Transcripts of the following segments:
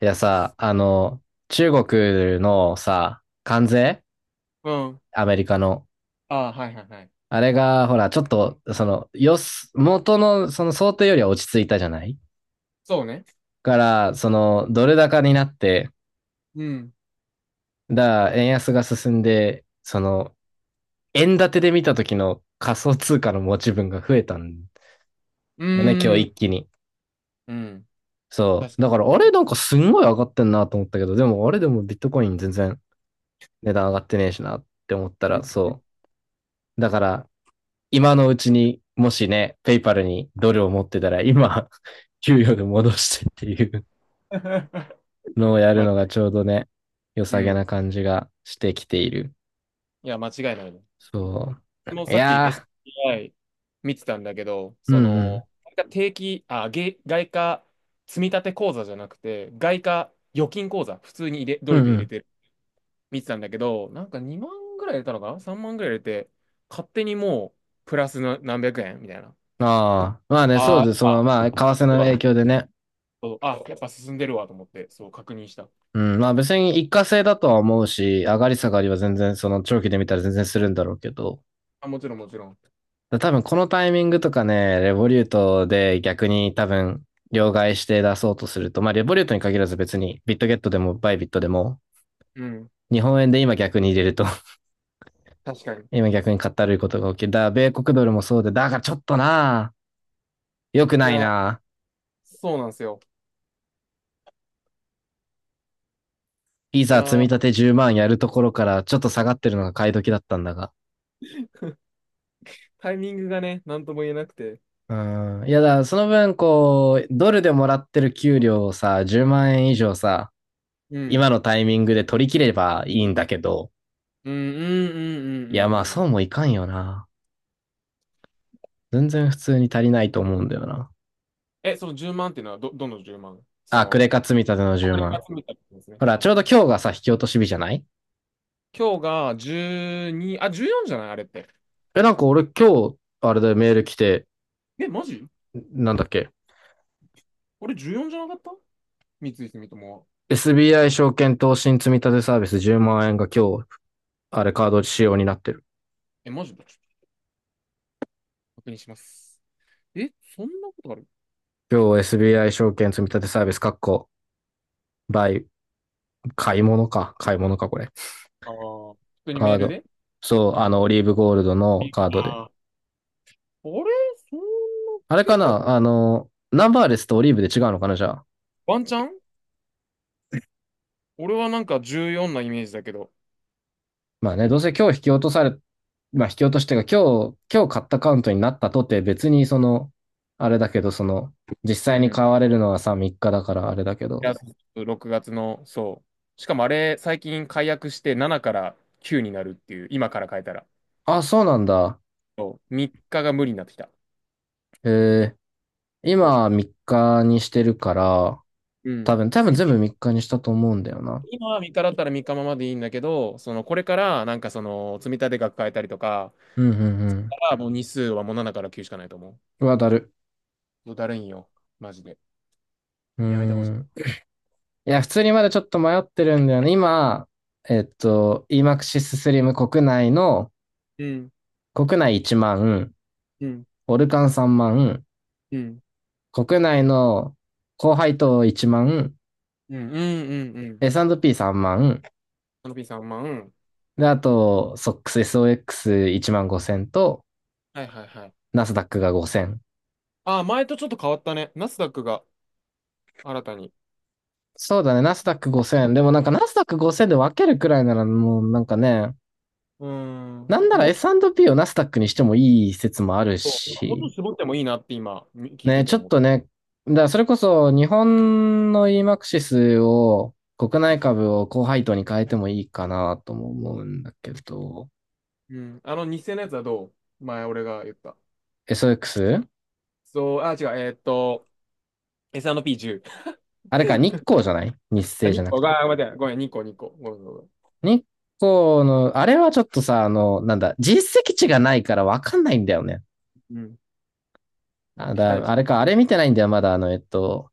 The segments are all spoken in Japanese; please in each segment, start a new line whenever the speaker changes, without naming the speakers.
いやさ、中国のさ、関税
うん。
アメリカの。
ああ、はいはいはい。
あれが、ほら、ちょっと、元の、その想定よりは落ち着いたじゃない？
そうね。
から、ドル高になって、
うん。
だから、円安が進んで、円建てで見た時の仮想通貨の持ち分が増えたん
う
だね、今日
ーん。
一気に。
うん。
そ
確
う。
か
だ
に。
から、あれ、なんかすんごい上がってんなと思ったけど、でも、あれでもビットコイン全然値段上がってねえしなって思った
う
ら、
ん。うん
そう。だから、今のうちに、もしね、ペイパルにドルを持ってたら、今、給与で戻してっていう のをや
ま
る
あ、
のがちょうどね、良
う
さげな
ん。
感じがしてきている。
いや、間違いないね。
そ
もう
う。い
さっき
や
SBI 見てたんだけど、
ー、うん
そ
うん。
の、定期、あ、げ外貨積立口座じゃなくて、外貨預金口座、普通に入れ、ド
う
ル
ん
で
う
入れ
ん。
てる、見てたんだけど、なんか2万ぐらい入れたのかな？ 3 万ぐらい入れて、勝手にもう、プラスの何百円みたいな。
ああ、まあね、そう
あ
で
ー
す。
あ、
まあ、為替の
要は
影響でね。
そうあ、やっぱ進んでるわと思って、そう、確認した。
うん、まあ別に一過性だとは思うし、上がり下がりは全然、その長期で見たら全然するんだろうけど、
あ、もちろん、もちろん。
多分このタイミングとかね、レボリュートで逆に多分両替して出そうとすると、まあレボリュートに限らず別にビットゲットでもバイビットでも、
うん、
日本円で今逆に入れると、
確かに。
今逆に買ったるいことが起きる。米国ドルもそうで、だがちょっとな、良く
い
ない
や、
な。
そうなんですよ。
い
い
ざ積み
や、
立て10万やるところからちょっと下がってるのが買い時だったんだが。
タイミングがね、なんとも言えなくて。
うん。いやだ、その分こう、ドルでもらってる給料をさ、10万円以上さ、
うん、
今のタイミングで取り切ればいいんだけど、
うん、うん、うん、う
いや、
ん、うん。
ま
う
あ、
ん
そうもいかんよな。全然普通に足りないと思うんだよな。
え、その10万っていうのはど、の10万そ
あ、ク
の、
レカ積み立ての10
送が
万。
集めたってことですね。
ほら、
は
ち
い
ょうど
はい。
今日がさ、引き落とし日じゃない？
今日が12、あ、14じゃないあれって。
え、なんか俺今日、あれだよ、メール来て、
え、マジ
なんだっけ。
俺14じゃなかった三井住友は。
SBI 証券投資積立サービス10万円が今日、あれカード仕様になってる。
え、マジでちょっと確認します。え、そんなことある
今日 SBI 証券積立サービス、かっこ、バイ、買い物か。買い物か、これ。
ああー、普通に
カ
メ
ー
ール
ド。
で
そう、
うん。
オリーブゴールドのカードで。
ああれそんな
あ
し
れか
てた
なナンバーレスとオリーブで違うのかなじゃあ。
ワンチャン俺はなんか14なイメージだけど。
まあね、どうせ今日引き落とされ、まあ引き落としてが今日、今日買ったカウントになったとて別にあれだけど、実
う
際に
ん。い
買われるのはさ、3日だからあれだけど。
や、6月の、そう。しかもあれ、最近解約して7から9になるっていう、今から変えたら。
あ、そうなんだ。
そう。3日が無理になってきた。
え
そ
今3日にしてるから、
う。うん。
多分
次、
全部3日にしたと思うんだよな。
今は3日だったら3日ままでいいんだけど、その、これからなんかその、積立額変えたりとか、
うんうんうん。
あもう日数はもう7から9しかないと思う。
うわ、だる。
もうだるいんよ。マジで。
うー
やめてほし
ん。いや、普通にまだちょっと迷ってるんだよね。今、EMAXIS Slim 国内の、
い。うん、
国内1万、
うん、
オルカン3万、
うん、
国内の高配当1万、
うん、うん、うん、うん。
S&P3 万、
あのピーさん、まあ、うん。
で、あと、SOX1 万5000と、
はいはいはい。
ナスダックが5000。
ああ、前とちょっと変わったね。ナスダックが新たに。
そうだね、ナスダック5000。でもなんかナスダック5000で分けるくらいならもうなんかね、
うーん。
な
な
ん
んか
なら
もうち
S&P をナスダックにしてもいい説もある
ょっと、もうちょ
し、
っと絞ってもいいなって今、み聞いて
ね、
て
ちょっ
思った。
とね、だからそれこそ日本の EMAXIS を国内株を高配当に変えてもいいかなとも思うんだけど、
うん。あの、日0のやつはどう前俺が言った。
SOX？
そう、あ、違う、S&P10。
あれか、日光じゃない日
あ、
生じ
2
ゃなく
個
て。
が、あ待って、ごめん、2個、2個。ごめん、ごめん。ご
日光の、あれはちょっとさ、なんだ、実績値がないからわかんないんだよね。
めんうん。もう期待値。
あれか、あれ見てないんだよ、まだ、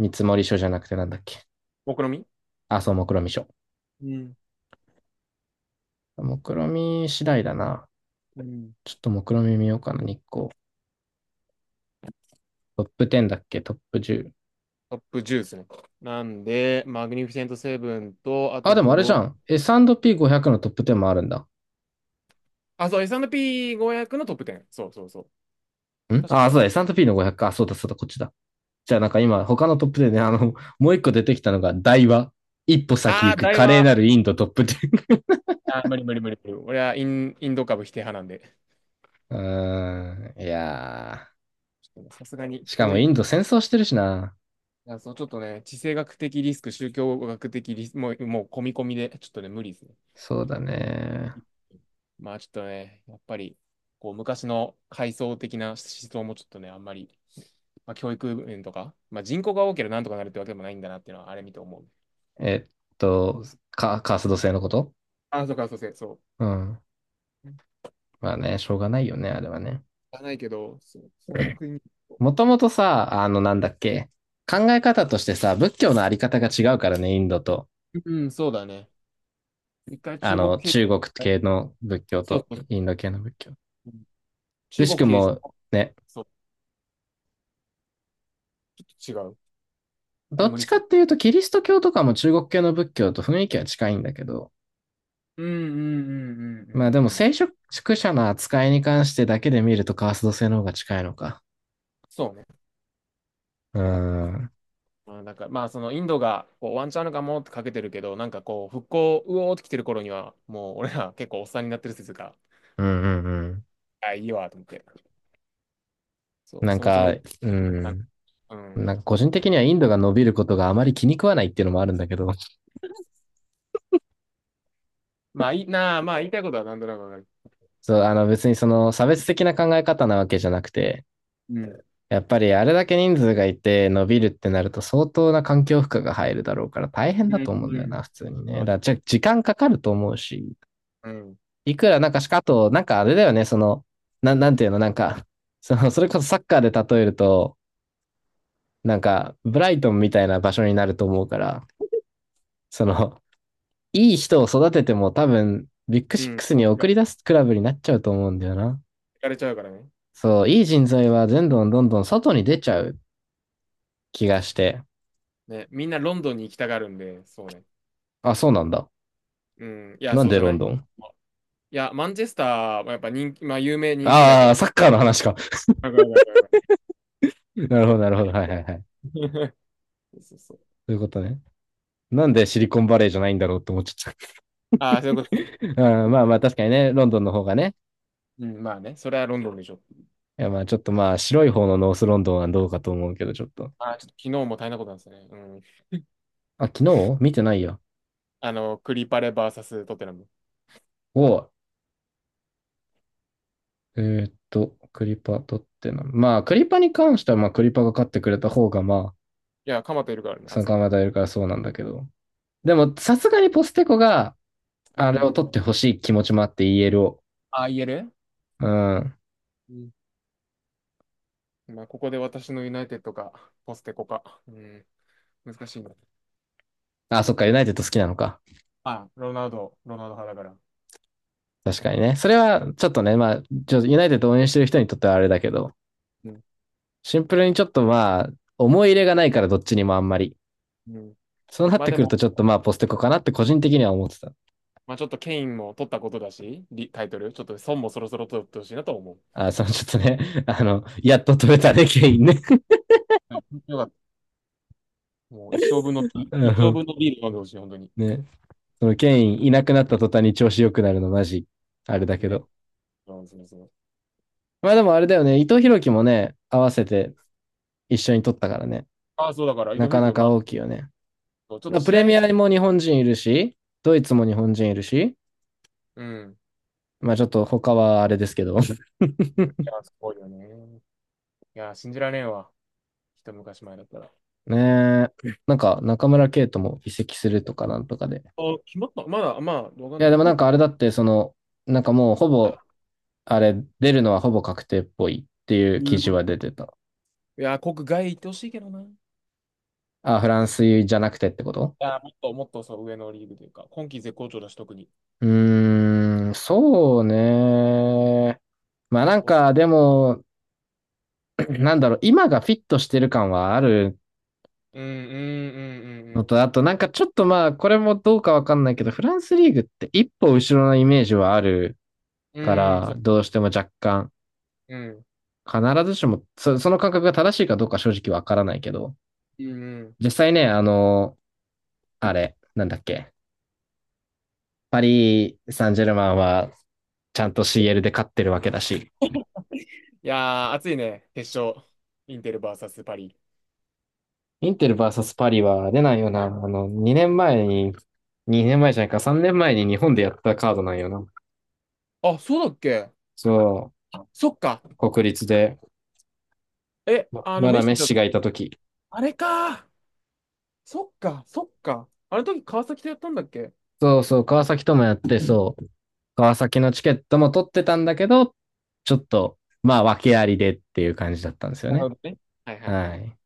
見積もり書じゃなくてなんだっけ。
目論み？
あ、そう、目論見書。
うん。
目論見次第だな。
うん。
ちょっと目論見見ようかな、日光。トップ10だっけトップ10。
トップ10ですね。なんで、マグニフィセントセブンと、あ
あ、
と
でもあ
ブ
れじゃ
ロ、
ん。S&P500 のトップ10もあるんだ。
あ、そう、S&P500 のトップ10。そう。確かそう
そ
や
うだ、
ろ。
S&P の500か。あそうだ、そうだ、こっちだ。じゃあなんか今、他のトップでね、もう一個出てきたのが、台湾。一歩先
あ
行
あ、
く
大
華麗
和。
なるインドトップ10。
あ、無理。俺はイン、ド株否定派なんで。
うーん、いやー。
ちょっとねさすがに
しか
教
もインド
育、
戦争してるしな。
あ、そう、ちょっとね、地政学的リスク、宗教学的リスク、もう込み込みで、ちょっとね、無理ですね。
そうだね。
まあちょっとね、やっぱり、こう、昔の階層的な思想もちょっとね、あんまり、まあ、教育面とか、まあ人口が多ければなんとかなるってわけでもないんだなっていうのは、あれ見て思う。
えっと、カースト制のこと。
あ、そうか、そう。
うん。まあね、しょうがないよね、あれはね。
じゃないけど、そう、そんな 国。
もともとさ、なんだっけ。考え方としてさ、仏教のあり方が違うからね、インドと。
うん、そうだね。一回中国経由、
中国系の仏教
そう
と
そ
インド系の仏教。
う、
く
中
し
国
く
経由して、
もね、
そうちょっと違う。ま
ど
あ、
っ
無理
ちか
す
っ
る。
ていうと、キリスト教とかも中国系の仏教と雰囲気は近いんだけど、
うんうんうんうん
まあで
う
も
ん。
聖職者の扱いに関してだけで見るとカースト制の方が近いのか。
そうね。
うーん。
まあ、なんか、まあ、そのインドがこうワンチャンあるかもってかけてるけど、なんかこう、復興、うおーって来てる頃には、もう俺ら結構おっさんになってる説が、
うんうんうん。
あ、いいわ、と思って。そう、
なん
そもそも、
か、う
あ
ん。
うん。
なんか個人的にはインドが伸びることがあまり気に食わないっていうのもあるんだけど、
まあ、いいなあ、まあ、言いたいことは何となくわかる。
そう、別にその差別的な考え方なわけじゃなくて、
うん。
やっぱりあれだけ人数がいて伸びるってなると相当な環境負荷が入るだろうから大変
うん
だと思うんだ
う
よ
ん。
な、普通にね。
ま
だ
あ
からじゃ時間かかると思うし、
うん。
いくらなんかしか、あと、なんかあれだよね、なんていうの、なんか、それこそサッカーで例えると、なんか、ブライトンみたいな場所になると思うから、その、いい人を育てても多分、ビッグ
う
シッ
ん。
クスに送
が
り出すクラブになっちゃうと思うんだよな。
行かれちゃうからね。
そう、いい人材はどんどんどん外に出ちゃう気が
確
し
か
て。
ね。みんなロンドンに行きたがるんで、そうね。
あ、そうなんだ。
うん。いや、
なん
そう
で
じゃ
ロ
な
ン
い
ドン？
まあいや、マンチェスターはやっぱ人気、まあ、有名人気だけ
ああー、
ど、
サッカーの話か。
わか
なるほど、なるほど。はいはいはい。そ
る。そうそう。
ういうことね。なんでシリコンバレーじゃないんだろうって思っちゃった。
ああ、そういうこ と。
うん、まあまあ確かにね、ロンドンの方がね、
うん、まあね、それはロンドンでしょ。
いや、まあちょっとまあ白い方のノースロンドンはどうかと思うけど、ちょっと。
ああ、ちょっと昨日も大変なことなんですね。うん。
あ、昨日見てないや。
あの、クリパレバーサストテナム。
を、えクリパ取ってな。まあクリパに関しては、まあクリパが勝ってくれた方が、ま
いや、カマトいるからね、
あ、参
熱
加
い。
まだいるからそうなんだけど。でも、さすがにポステコが、
う
あれを
ん。
取ってほしい気持ちもあって EL を。
ああ、言える
うん。
うん。まあ、ここで私のユナイテッドか、ポステコか。うん。難しいな。
あ、そっか、ユナイテッド好きなのか。
ああ、ロナウド派だから。
確かにね。それは、ちょっとね、まあ、ユナイテッド応援してる人にとってはあれだけど、
うん。
シンプルにちょっとまあ、思い入れがないからどっちにもあんまり。
うん。
そうなっ
まあ
て
で
くる
も、
と、ちょっとまあ、ポステコかなって個人的には思ってた。
まあちょっとケインも取ったことだし、リタイトル、ちょっと孫もそろそろ取ってほしいなと思う。
あ、そのちょっとね、やっと取れたね、ケインね。
はい。よかった。もう一生分の、
あ
一生
の
分のビール飲んでほしい、本当に。
ね、そのケインいなくなった途端に調子良くなるの、マジ、あれだけ
ね。
ど。
そう
まあでもあれだよね、伊藤洋樹もね、合わせて一緒に取ったからね。
ああ、そうだから、伊
な
藤
か
博
な
君、ま
か
あ、
大きいよね。
ちょっと
プ
試
レ
合
ミ
す、
アにも日本人いるし、ドイツも日本人いるし、
うん。
まあちょっと他はあれですけど。
うんいや、すごいよね。いや、信じられんわ。一昔前だったら。
ねえ、なんか中村圭とも移籍するとかなんとかで。
あ、決まったまだ、まあ、わか
い
ん
や、
ない。
で
ど
も
こ
なん
行
かあ
く
れだって、なんかもうほぼあれ、出るのはほぼ確定っぽいっていう
うん
記事
い
は出てた。
や、国外行ってほしいけどな。い
あ、フランスじゃなくてってこと？
や、もっとそう、上のリーグというか、今季絶好調だし、特に。
うーん、そうね。まあな
結
ん
構す、
か、でも、なんだろう、今がフィットしてる感はある
うん、うん、う
の
ん、
と、あとなんかちょっとまあ、これもどうかわかんないけど、フランスリーグって一歩後ろのイメージはあるか
うん。うん、
ら、
そ
どうしても若干、
う、
必ずしも、その感覚が正しいかどうか正直わからないけど、
うん。
実際ね、あれ、なんだっけ、パリ・サンジェルマンは、ちゃんと CL で勝ってるわけだし、
いやー、熱いね、決勝。インテル VS パリ。
インテルサスパリは出ないよな。年前に、2年前じゃないか、3年前に日本でやったカードなんよな。
あ、そうだっけ
そ
あ、そっか。
う、国立で、
え、
ま
あの、
ま
メ
だ
ッ
メッ
シだ
シ
と、
がいたとき。
あれか。そっか。あの時川崎とやったんだっけ
そうそう、川崎ともやって、そう、川崎のチケットも取ってたんだけど、ちょっと、まあ、訳ありでっていう感じだったんですよ
な
ね。
るほどね。はいはいは
は
い
い。